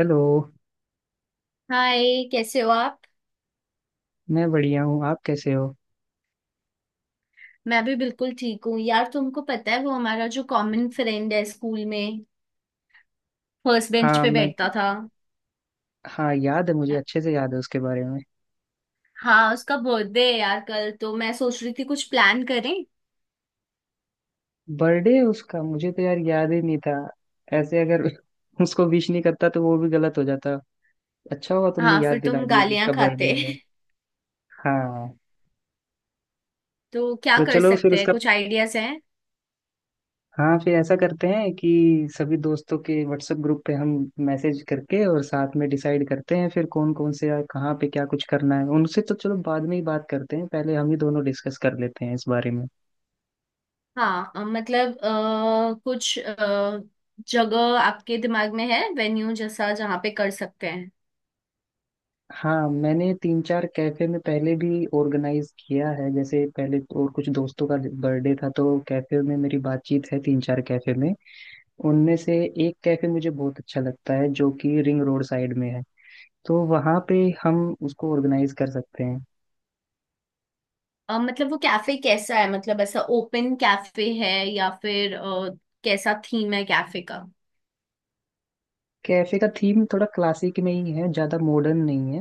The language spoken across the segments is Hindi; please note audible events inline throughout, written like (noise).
हेलो। हाय। कैसे हो आप। मैं बढ़िया हूँ, आप कैसे हो? मैं भी बिल्कुल ठीक हूँ यार। तुमको पता है वो हमारा जो कॉमन फ्रेंड है स्कूल में, फर्स्ट बेंच हाँ, पे मैं बैठता था। हाँ, याद है, मुझे अच्छे से याद है उसके बारे में। हाँ, उसका बर्थडे है यार कल, तो मैं सोच रही थी कुछ प्लान करें। बर्थडे उसका मुझे तो यार याद ही नहीं था। ऐसे अगर (laughs) उसको विश नहीं करता तो वो भी गलत हो जाता। अच्छा हुआ तुमने हाँ, याद फिर दिला तुम दिया कि गालियां उसका बर्थडे खाते है। (laughs) हाँ, तो क्या तो कर चलो फिर सकते हैं, उसका, कुछ आइडियाज हैं? हाँ फिर ऐसा करते हैं कि सभी दोस्तों के व्हाट्सएप ग्रुप पे हम मैसेज करके और साथ में डिसाइड करते हैं फिर कौन कौन से और कहाँ पे क्या कुछ करना है। उनसे तो चलो बाद में ही बात करते हैं, पहले हम ही दोनों डिस्कस कर लेते हैं इस बारे में। हाँ, मतलब, कुछ जगह आपके दिमाग में है, वेन्यू जैसा जहाँ पे कर सकते हैं? हाँ, मैंने तीन चार कैफे में पहले भी ऑर्गेनाइज किया है। जैसे पहले तो और कुछ दोस्तों का बर्थडे था तो कैफे में, मेरी बातचीत है तीन चार कैफे में। उनमें से एक कैफे मुझे बहुत अच्छा लगता है जो कि रिंग रोड साइड में है, तो वहाँ पे हम उसको ऑर्गेनाइज कर सकते हैं। मतलब वो कैफे कैसा है? मतलब ऐसा ओपन कैफे है या फिर कैसा थीम है कैफे का? कैफे का थीम थोड़ा क्लासिक में ही है, ज़्यादा मॉडर्न नहीं है।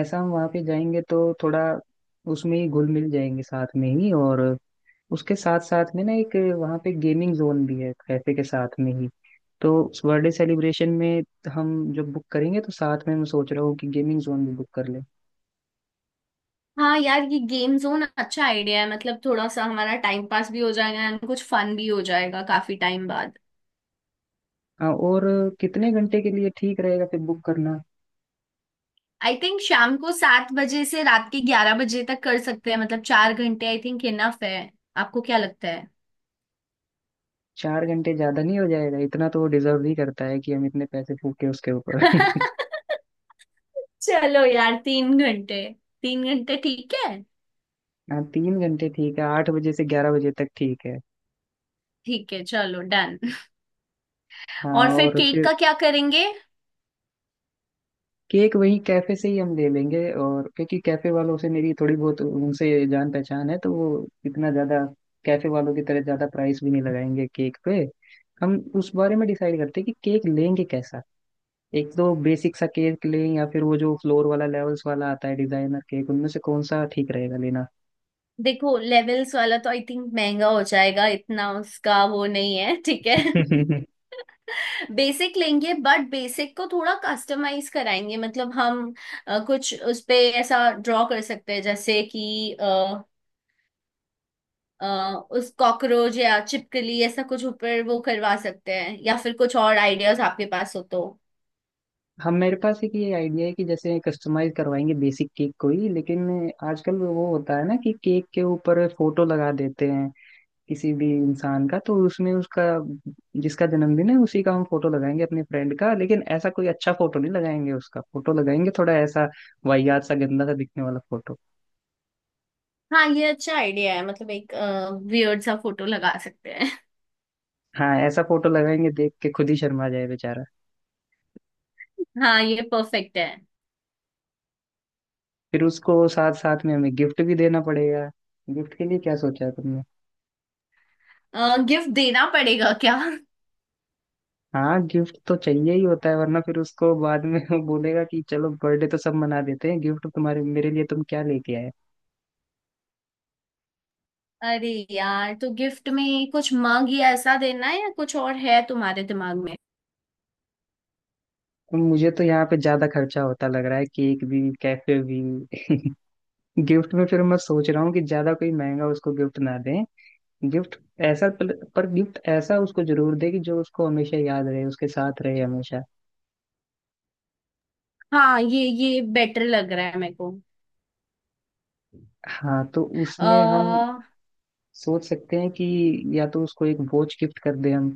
ऐसा हम वहाँ पे जाएंगे तो थोड़ा उसमें ही घुल मिल जाएंगे साथ में ही। और उसके साथ साथ में ना एक वहाँ पे गेमिंग जोन भी है कैफे के साथ में ही, तो उस बर्थडे सेलिब्रेशन में हम जब बुक करेंगे तो साथ में मैं सोच रहा हूँ कि गेमिंग जोन भी बुक कर लें। हाँ यार, ये गेम जोन अच्छा आइडिया है। मतलब थोड़ा सा हमारा टाइम पास भी हो जाएगा एंड कुछ फन भी हो जाएगा, काफी टाइम बाद। हाँ, और कितने घंटे के लिए ठीक रहेगा फिर बुक करना? आई थिंक शाम को 7 बजे से रात के 11 बजे तक कर सकते हैं। मतलब 4 घंटे आई थिंक इनफ है। आपको क्या लगता है? 4 घंटे ज्यादा नहीं हो जाएगा? इतना तो वो डिजर्व ही करता है कि हम इतने पैसे फूके उसके ऊपर। (laughs) (laughs) चलो यार, 3 घंटे। 3 घंटे ठीक है। हाँ, 3 घंटे ठीक है, 8 बजे से 11 बजे तक ठीक है। ठीक है चलो, डन। और हाँ, फिर और केक फिर का क्या करेंगे? केक वही कैफे से ही हम ले लेंगे। और क्योंकि कैफे वालों से मेरी थोड़ी बहुत उनसे जान पहचान है, तो वो इतना ज्यादा कैफे वालों की तरह ज्यादा प्राइस भी नहीं लगाएंगे केक पे। हम उस बारे में डिसाइड करते हैं कि केक लेंगे कैसा। एक तो बेसिक सा केक लें, या फिर वो जो फ्लोर वाला लेवल्स वाला आता है डिजाइनर केक, उनमें से कौन सा ठीक रहेगा लेना? देखो, लेवल्स वाला तो आई थिंक महंगा हो जाएगा। इतना उसका वो नहीं है, ठीक है? (laughs) (laughs) बेसिक लेंगे, बट बेसिक को थोड़ा कस्टमाइज कराएंगे। मतलब हम कुछ उस पे ऐसा ड्रॉ कर सकते हैं, जैसे कि अ, उस कॉकरोच या छिपकली, ऐसा कुछ ऊपर वो करवा सकते हैं। या फिर कुछ और आइडियाज आपके पास हो तो? हम, मेरे पास एक ये आइडिया है कि जैसे कस्टमाइज करवाएंगे बेसिक केक को ही, लेकिन आजकल वो होता है ना कि केक के ऊपर फोटो लगा देते हैं किसी भी इंसान का, तो उसमें उसका, जिसका जन्मदिन है उसी का हम फोटो लगाएंगे, अपने फ्रेंड का। लेकिन ऐसा कोई अच्छा फोटो नहीं लगाएंगे, उसका फोटो लगाएंगे थोड़ा ऐसा वाहियात सा, गंदा सा दिखने वाला फोटो। हाँ ये अच्छा आइडिया है। मतलब एक वियर्ड सा फोटो लगा सकते हैं। हाँ, ऐसा फोटो लगाएंगे देख के खुद ही शर्मा जाए बेचारा। (laughs) हाँ ये परफेक्ट है। फिर उसको साथ साथ में हमें गिफ्ट भी देना पड़ेगा। गिफ्ट के लिए क्या सोचा है तुमने? गिफ्ट देना पड़ेगा क्या? हाँ, गिफ्ट तो चाहिए ही होता है वरना फिर उसको बाद में (laughs) वो बोलेगा कि चलो बर्थडे तो सब मना देते हैं, गिफ्ट तुम्हारे मेरे लिए, तुम क्या लेके आए। अरे यार, तो गिफ्ट में कुछ मग या ऐसा देना है, या कुछ और है तुम्हारे दिमाग में? मुझे तो यहाँ पे ज्यादा खर्चा होता लग रहा है, केक भी, कैफे भी। (laughs) गिफ्ट में फिर मैं सोच रहा हूँ कि ज्यादा कोई महंगा उसको गिफ्ट ना दें। गिफ्ट ऐसा पर, गिफ्ट ऐसा उसको जरूर दे कि जो उसको हमेशा याद रहे, उसके साथ रहे हमेशा। हाँ, ये बेटर लग रहा है मेरे को। हाँ, तो उसमें हम अह सोच सकते हैं कि या तो उसको एक वॉच गिफ्ट कर दें हम,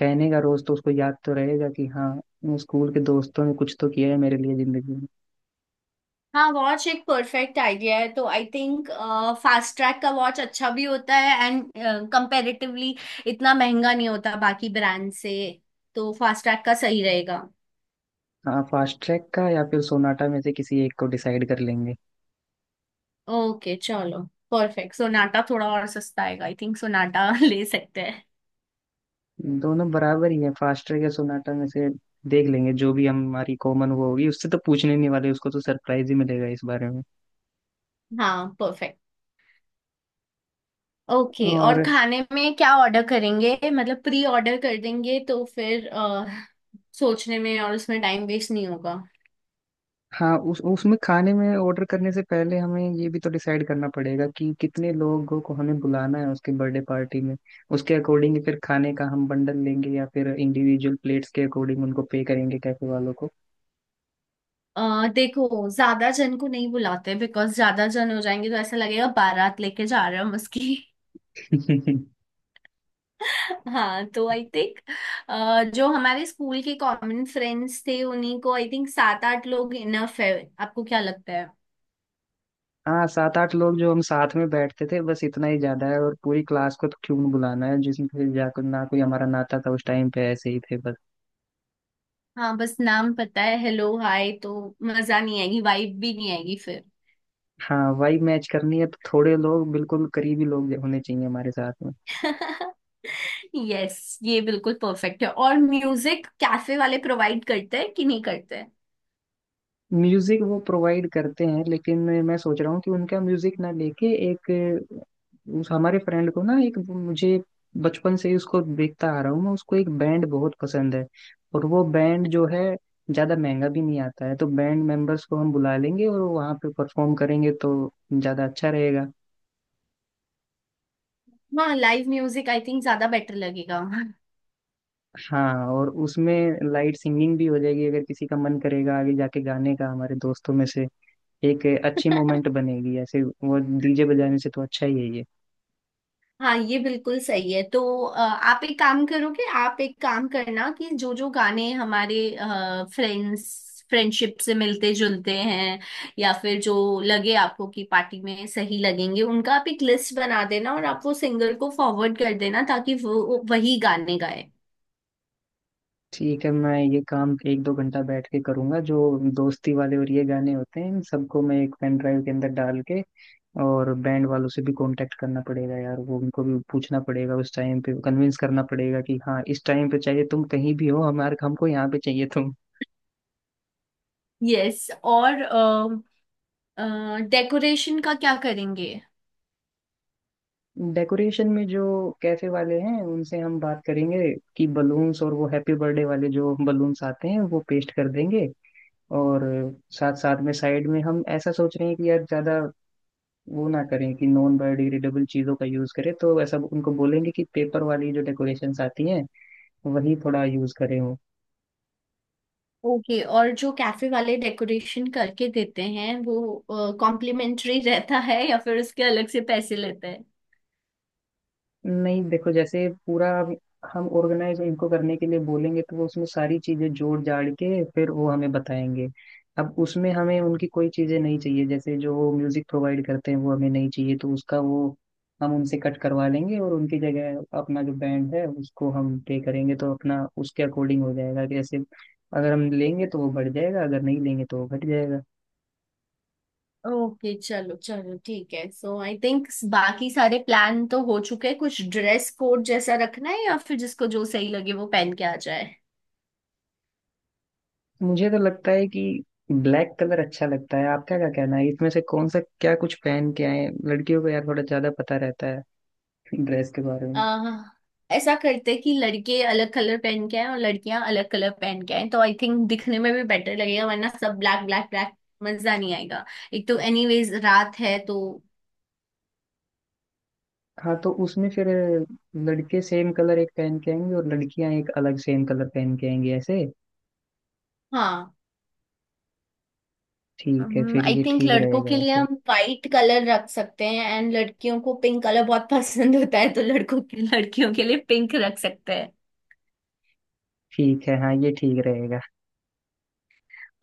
पहनेगा रोज तो उसको याद तो रहेगा कि हाँ स्कूल के दोस्तों ने कुछ तो किया है मेरे लिए जिंदगी में। हाँ, वॉच एक परफेक्ट आइडिया है। तो आई थिंक फास्ट ट्रैक का वॉच अच्छा भी होता है एंड कंपैरेटिवली इतना महंगा नहीं होता बाकी ब्रांड से। तो फास्ट ट्रैक का सही रहेगा। हाँ, फास्ट ट्रैक का या फिर सोनाटा में से किसी एक को डिसाइड कर लेंगे। ओके चलो, परफेक्ट। सोनाटा थोड़ा और सस्ता आएगा आई थिंक, सोनाटा (laughs) ले सकते हैं। दोनों बराबर ही है फास्टर या सोनाटा में से, देख लेंगे जो भी हमारी कॉमन वो होगी। उससे तो पूछने नहीं वाले, उसको तो सरप्राइज ही मिलेगा इस बारे में। हाँ परफेक्ट। ओके, और और खाने में क्या ऑर्डर करेंगे? मतलब प्री ऑर्डर कर देंगे तो फिर सोचने में और उसमें टाइम वेस्ट नहीं होगा। हाँ, उस उसमें खाने में ऑर्डर करने से पहले हमें ये भी तो डिसाइड करना पड़ेगा कि कितने लोगों को हमें बुलाना है उसके बर्थडे पार्टी में। उसके अकॉर्डिंग फिर खाने का हम बंडल लेंगे या फिर इंडिविजुअल प्लेट्स के अकॉर्डिंग उनको पे करेंगे कैफे वालों को। देखो ज्यादा जन को नहीं बुलाते, बिकॉज ज्यादा जन हो जाएंगे तो ऐसा लगेगा बारात लेके जा रहे हम उसकी। (laughs) (laughs) हाँ तो आई थिंक जो हमारे स्कूल के कॉमन फ्रेंड्स थे उन्हीं को, आई थिंक 7 8 लोग इनफ है। आपको क्या लगता है? हाँ, सात आठ लोग जो हम साथ में बैठते थे बस, इतना ही ज्यादा है। और पूरी क्लास को तो क्यों नहीं बुलाना है, जिसमें से जा ना कोई हमारा नाता था उस टाइम पे, ऐसे ही थे बस। हाँ, बस नाम पता है, हेलो हाय, तो मजा नहीं आएगी, वाइब भी नहीं आएगी फिर। हाँ, वही मैच करनी है तो थोड़े लोग, बिल्कुल करीबी लोग होने चाहिए हमारे साथ में। यस, ये बिल्कुल परफेक्ट है। और म्यूजिक कैफे वाले प्रोवाइड करते हैं कि नहीं करते हैं? म्यूजिक वो प्रोवाइड करते हैं लेकिन मैं सोच रहा हूँ कि उनका म्यूजिक ना लेके एक, उस हमारे फ्रेंड को ना, एक मुझे बचपन से ही उसको देखता आ रहा हूँ, मैं, उसको एक बैंड बहुत पसंद है। और वो बैंड जो है ज्यादा महंगा भी नहीं आता है, तो बैंड मेंबर्स को हम बुला लेंगे और वहाँ पे परफॉर्म करेंगे तो ज्यादा अच्छा रहेगा। हाँ लाइव म्यूजिक आई थिंक ज्यादा बेटर लगेगा। हाँ, और उसमें लाइट सिंगिंग भी हो जाएगी अगर किसी का मन करेगा आगे जाके गाने का हमारे दोस्तों में से। एक अच्छी मोमेंट बनेगी ऐसे, वो डीजे बजाने से तो अच्छा ही है ये। हाँ ये बिल्कुल सही है। तो आप एक काम करोगे, आप एक काम करना कि जो जो गाने हमारे फ्रेंड्स, फ्रेंडशिप से मिलते जुलते हैं, या फिर जो लगे आपको कि पार्टी में सही लगेंगे, उनका आप एक लिस्ट बना देना और आप वो सिंगर को फॉरवर्ड कर देना ताकि वो वही गाने गाए। ठीक है, मैं ये काम एक दो घंटा बैठ के करूंगा, जो दोस्ती वाले और ये गाने होते हैं इन सबको मैं एक पेन ड्राइव के अंदर डाल के। और बैंड वालों से भी कांटेक्ट करना पड़ेगा यार, वो उनको भी पूछना पड़ेगा उस टाइम पे, कन्विंस करना पड़ेगा कि हाँ इस टाइम पे चाहिए तुम, कहीं भी हो हमारे, हमको यहाँ पे चाहिए तुम। यस, और डेकोरेशन का क्या करेंगे? डेकोरेशन में जो कैफे वाले हैं उनसे हम बात करेंगे कि बलून्स और वो हैप्पी बर्थडे वाले जो बलून्स आते हैं वो पेस्ट कर देंगे। और साथ साथ में साइड में हम ऐसा सोच रहे हैं कि यार ज्यादा वो ना करें कि नॉन बायोडिग्रेडेबल चीज़ों का यूज़ करें, तो ऐसा उनको बोलेंगे कि पेपर वाली जो डेकोरेशंस आती हैं वही थोड़ा यूज़ करें वो। ओके, और जो कैफे वाले डेकोरेशन करके देते हैं वो कॉम्प्लीमेंट्री रहता है या फिर उसके अलग से पैसे लेते हैं? नहीं, देखो जैसे पूरा अब हम ऑर्गेनाइज इनको करने के लिए बोलेंगे तो वो उसमें सारी चीजें जोड़ जाड़ के फिर वो हमें बताएंगे। अब उसमें हमें उनकी कोई चीजें नहीं चाहिए, जैसे जो म्यूजिक प्रोवाइड करते हैं वो हमें नहीं चाहिए, तो उसका वो हम उनसे कट करवा लेंगे और उनकी जगह अपना जो बैंड है उसको हम पे करेंगे। तो अपना उसके अकॉर्डिंग हो जाएगा कि जैसे अगर हम लेंगे तो वो बढ़ जाएगा, अगर नहीं लेंगे तो वो घट जाएगा। ओके चलो, ठीक है। सो आई थिंक बाकी सारे प्लान तो हो चुके हैं। कुछ ड्रेस कोड जैसा रखना है या फिर जिसको जो सही लगे वो पहन के आ जाए? मुझे तो लगता है कि ब्लैक कलर अच्छा लगता है, आपका क्या कहना है? इसमें से कौन सा क्या कुछ पहन के आए, लड़कियों को यार थोड़ा ज्यादा पता रहता है ड्रेस के बारे में। आ, ऐसा करते कि लड़के अलग कलर पहन के आए और लड़कियां अलग कलर पहन के आए, तो आई थिंक दिखने में भी बेटर लगेगा। वरना सब ब्लैक ब्लैक ब्लैक, मजा नहीं आएगा। एक तो एनीवेज रात है तो। हाँ, तो उसमें फिर लड़के सेम कलर एक पहन के आएंगे और लड़कियां एक अलग सेम कलर पहन के आएंगी ऐसे। हाँ ठीक है, फिर आई ये थिंक ठीक लड़कों के रहेगा लिए ऐसे। हम वाइट कलर रख सकते हैं एंड लड़कियों को पिंक कलर बहुत (laughs) पसंद होता है, तो लड़कों के लड़कियों के लिए पिंक रख सकते। ठीक है, हाँ, ये ठीक रहेगा।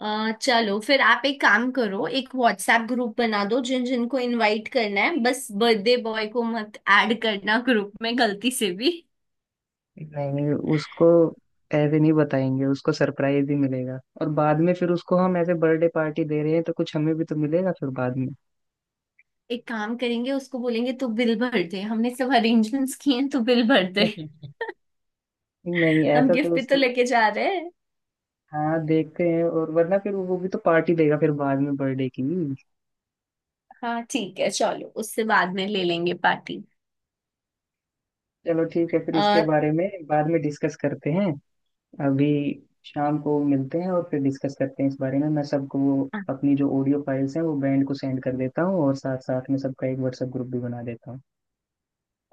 चलो फिर आप एक काम करो, एक व्हाट्सएप ग्रुप बना दो जिन जिनको इनवाइट करना है। बस बर्थडे बॉय को मत ऐड करना ग्रुप में गलती से भी। नहीं, उसको ऐसे नहीं बताएंगे, उसको सरप्राइज ही मिलेगा। और बाद में फिर उसको हम ऐसे बर्थडे पार्टी दे रहे हैं तो कुछ हमें भी तो मिलेगा फिर बाद में। एक काम करेंगे, उसको बोलेंगे तू बिल भर दे, हमने सब अरेंजमेंट्स किए हैं, तू बिल भर दे। (laughs) नहीं, हम ऐसा तो गिफ्ट भी तो उसको, लेके जा रहे हैं। हाँ देखते हैं। और वरना फिर वो भी तो पार्टी देगा फिर बाद में बर्थडे की। हाँ ठीक है, चलो उससे बाद में ले लेंगे पार्टी। चलो ठीक है, फिर इसके और बारे में बाद में डिस्कस करते हैं। अभी शाम को मिलते हैं और फिर डिस्कस करते हैं इस बारे में। मैं सबको वो अपनी जो ऑडियो फाइल्स हैं वो बैंड को सेंड कर देता हूँ और साथ साथ में सबका एक व्हाट्सएप ग्रुप भी बना देता हूँ।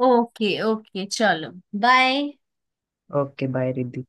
ओके ओके चलो, बाय। Okay, bye Riddhi.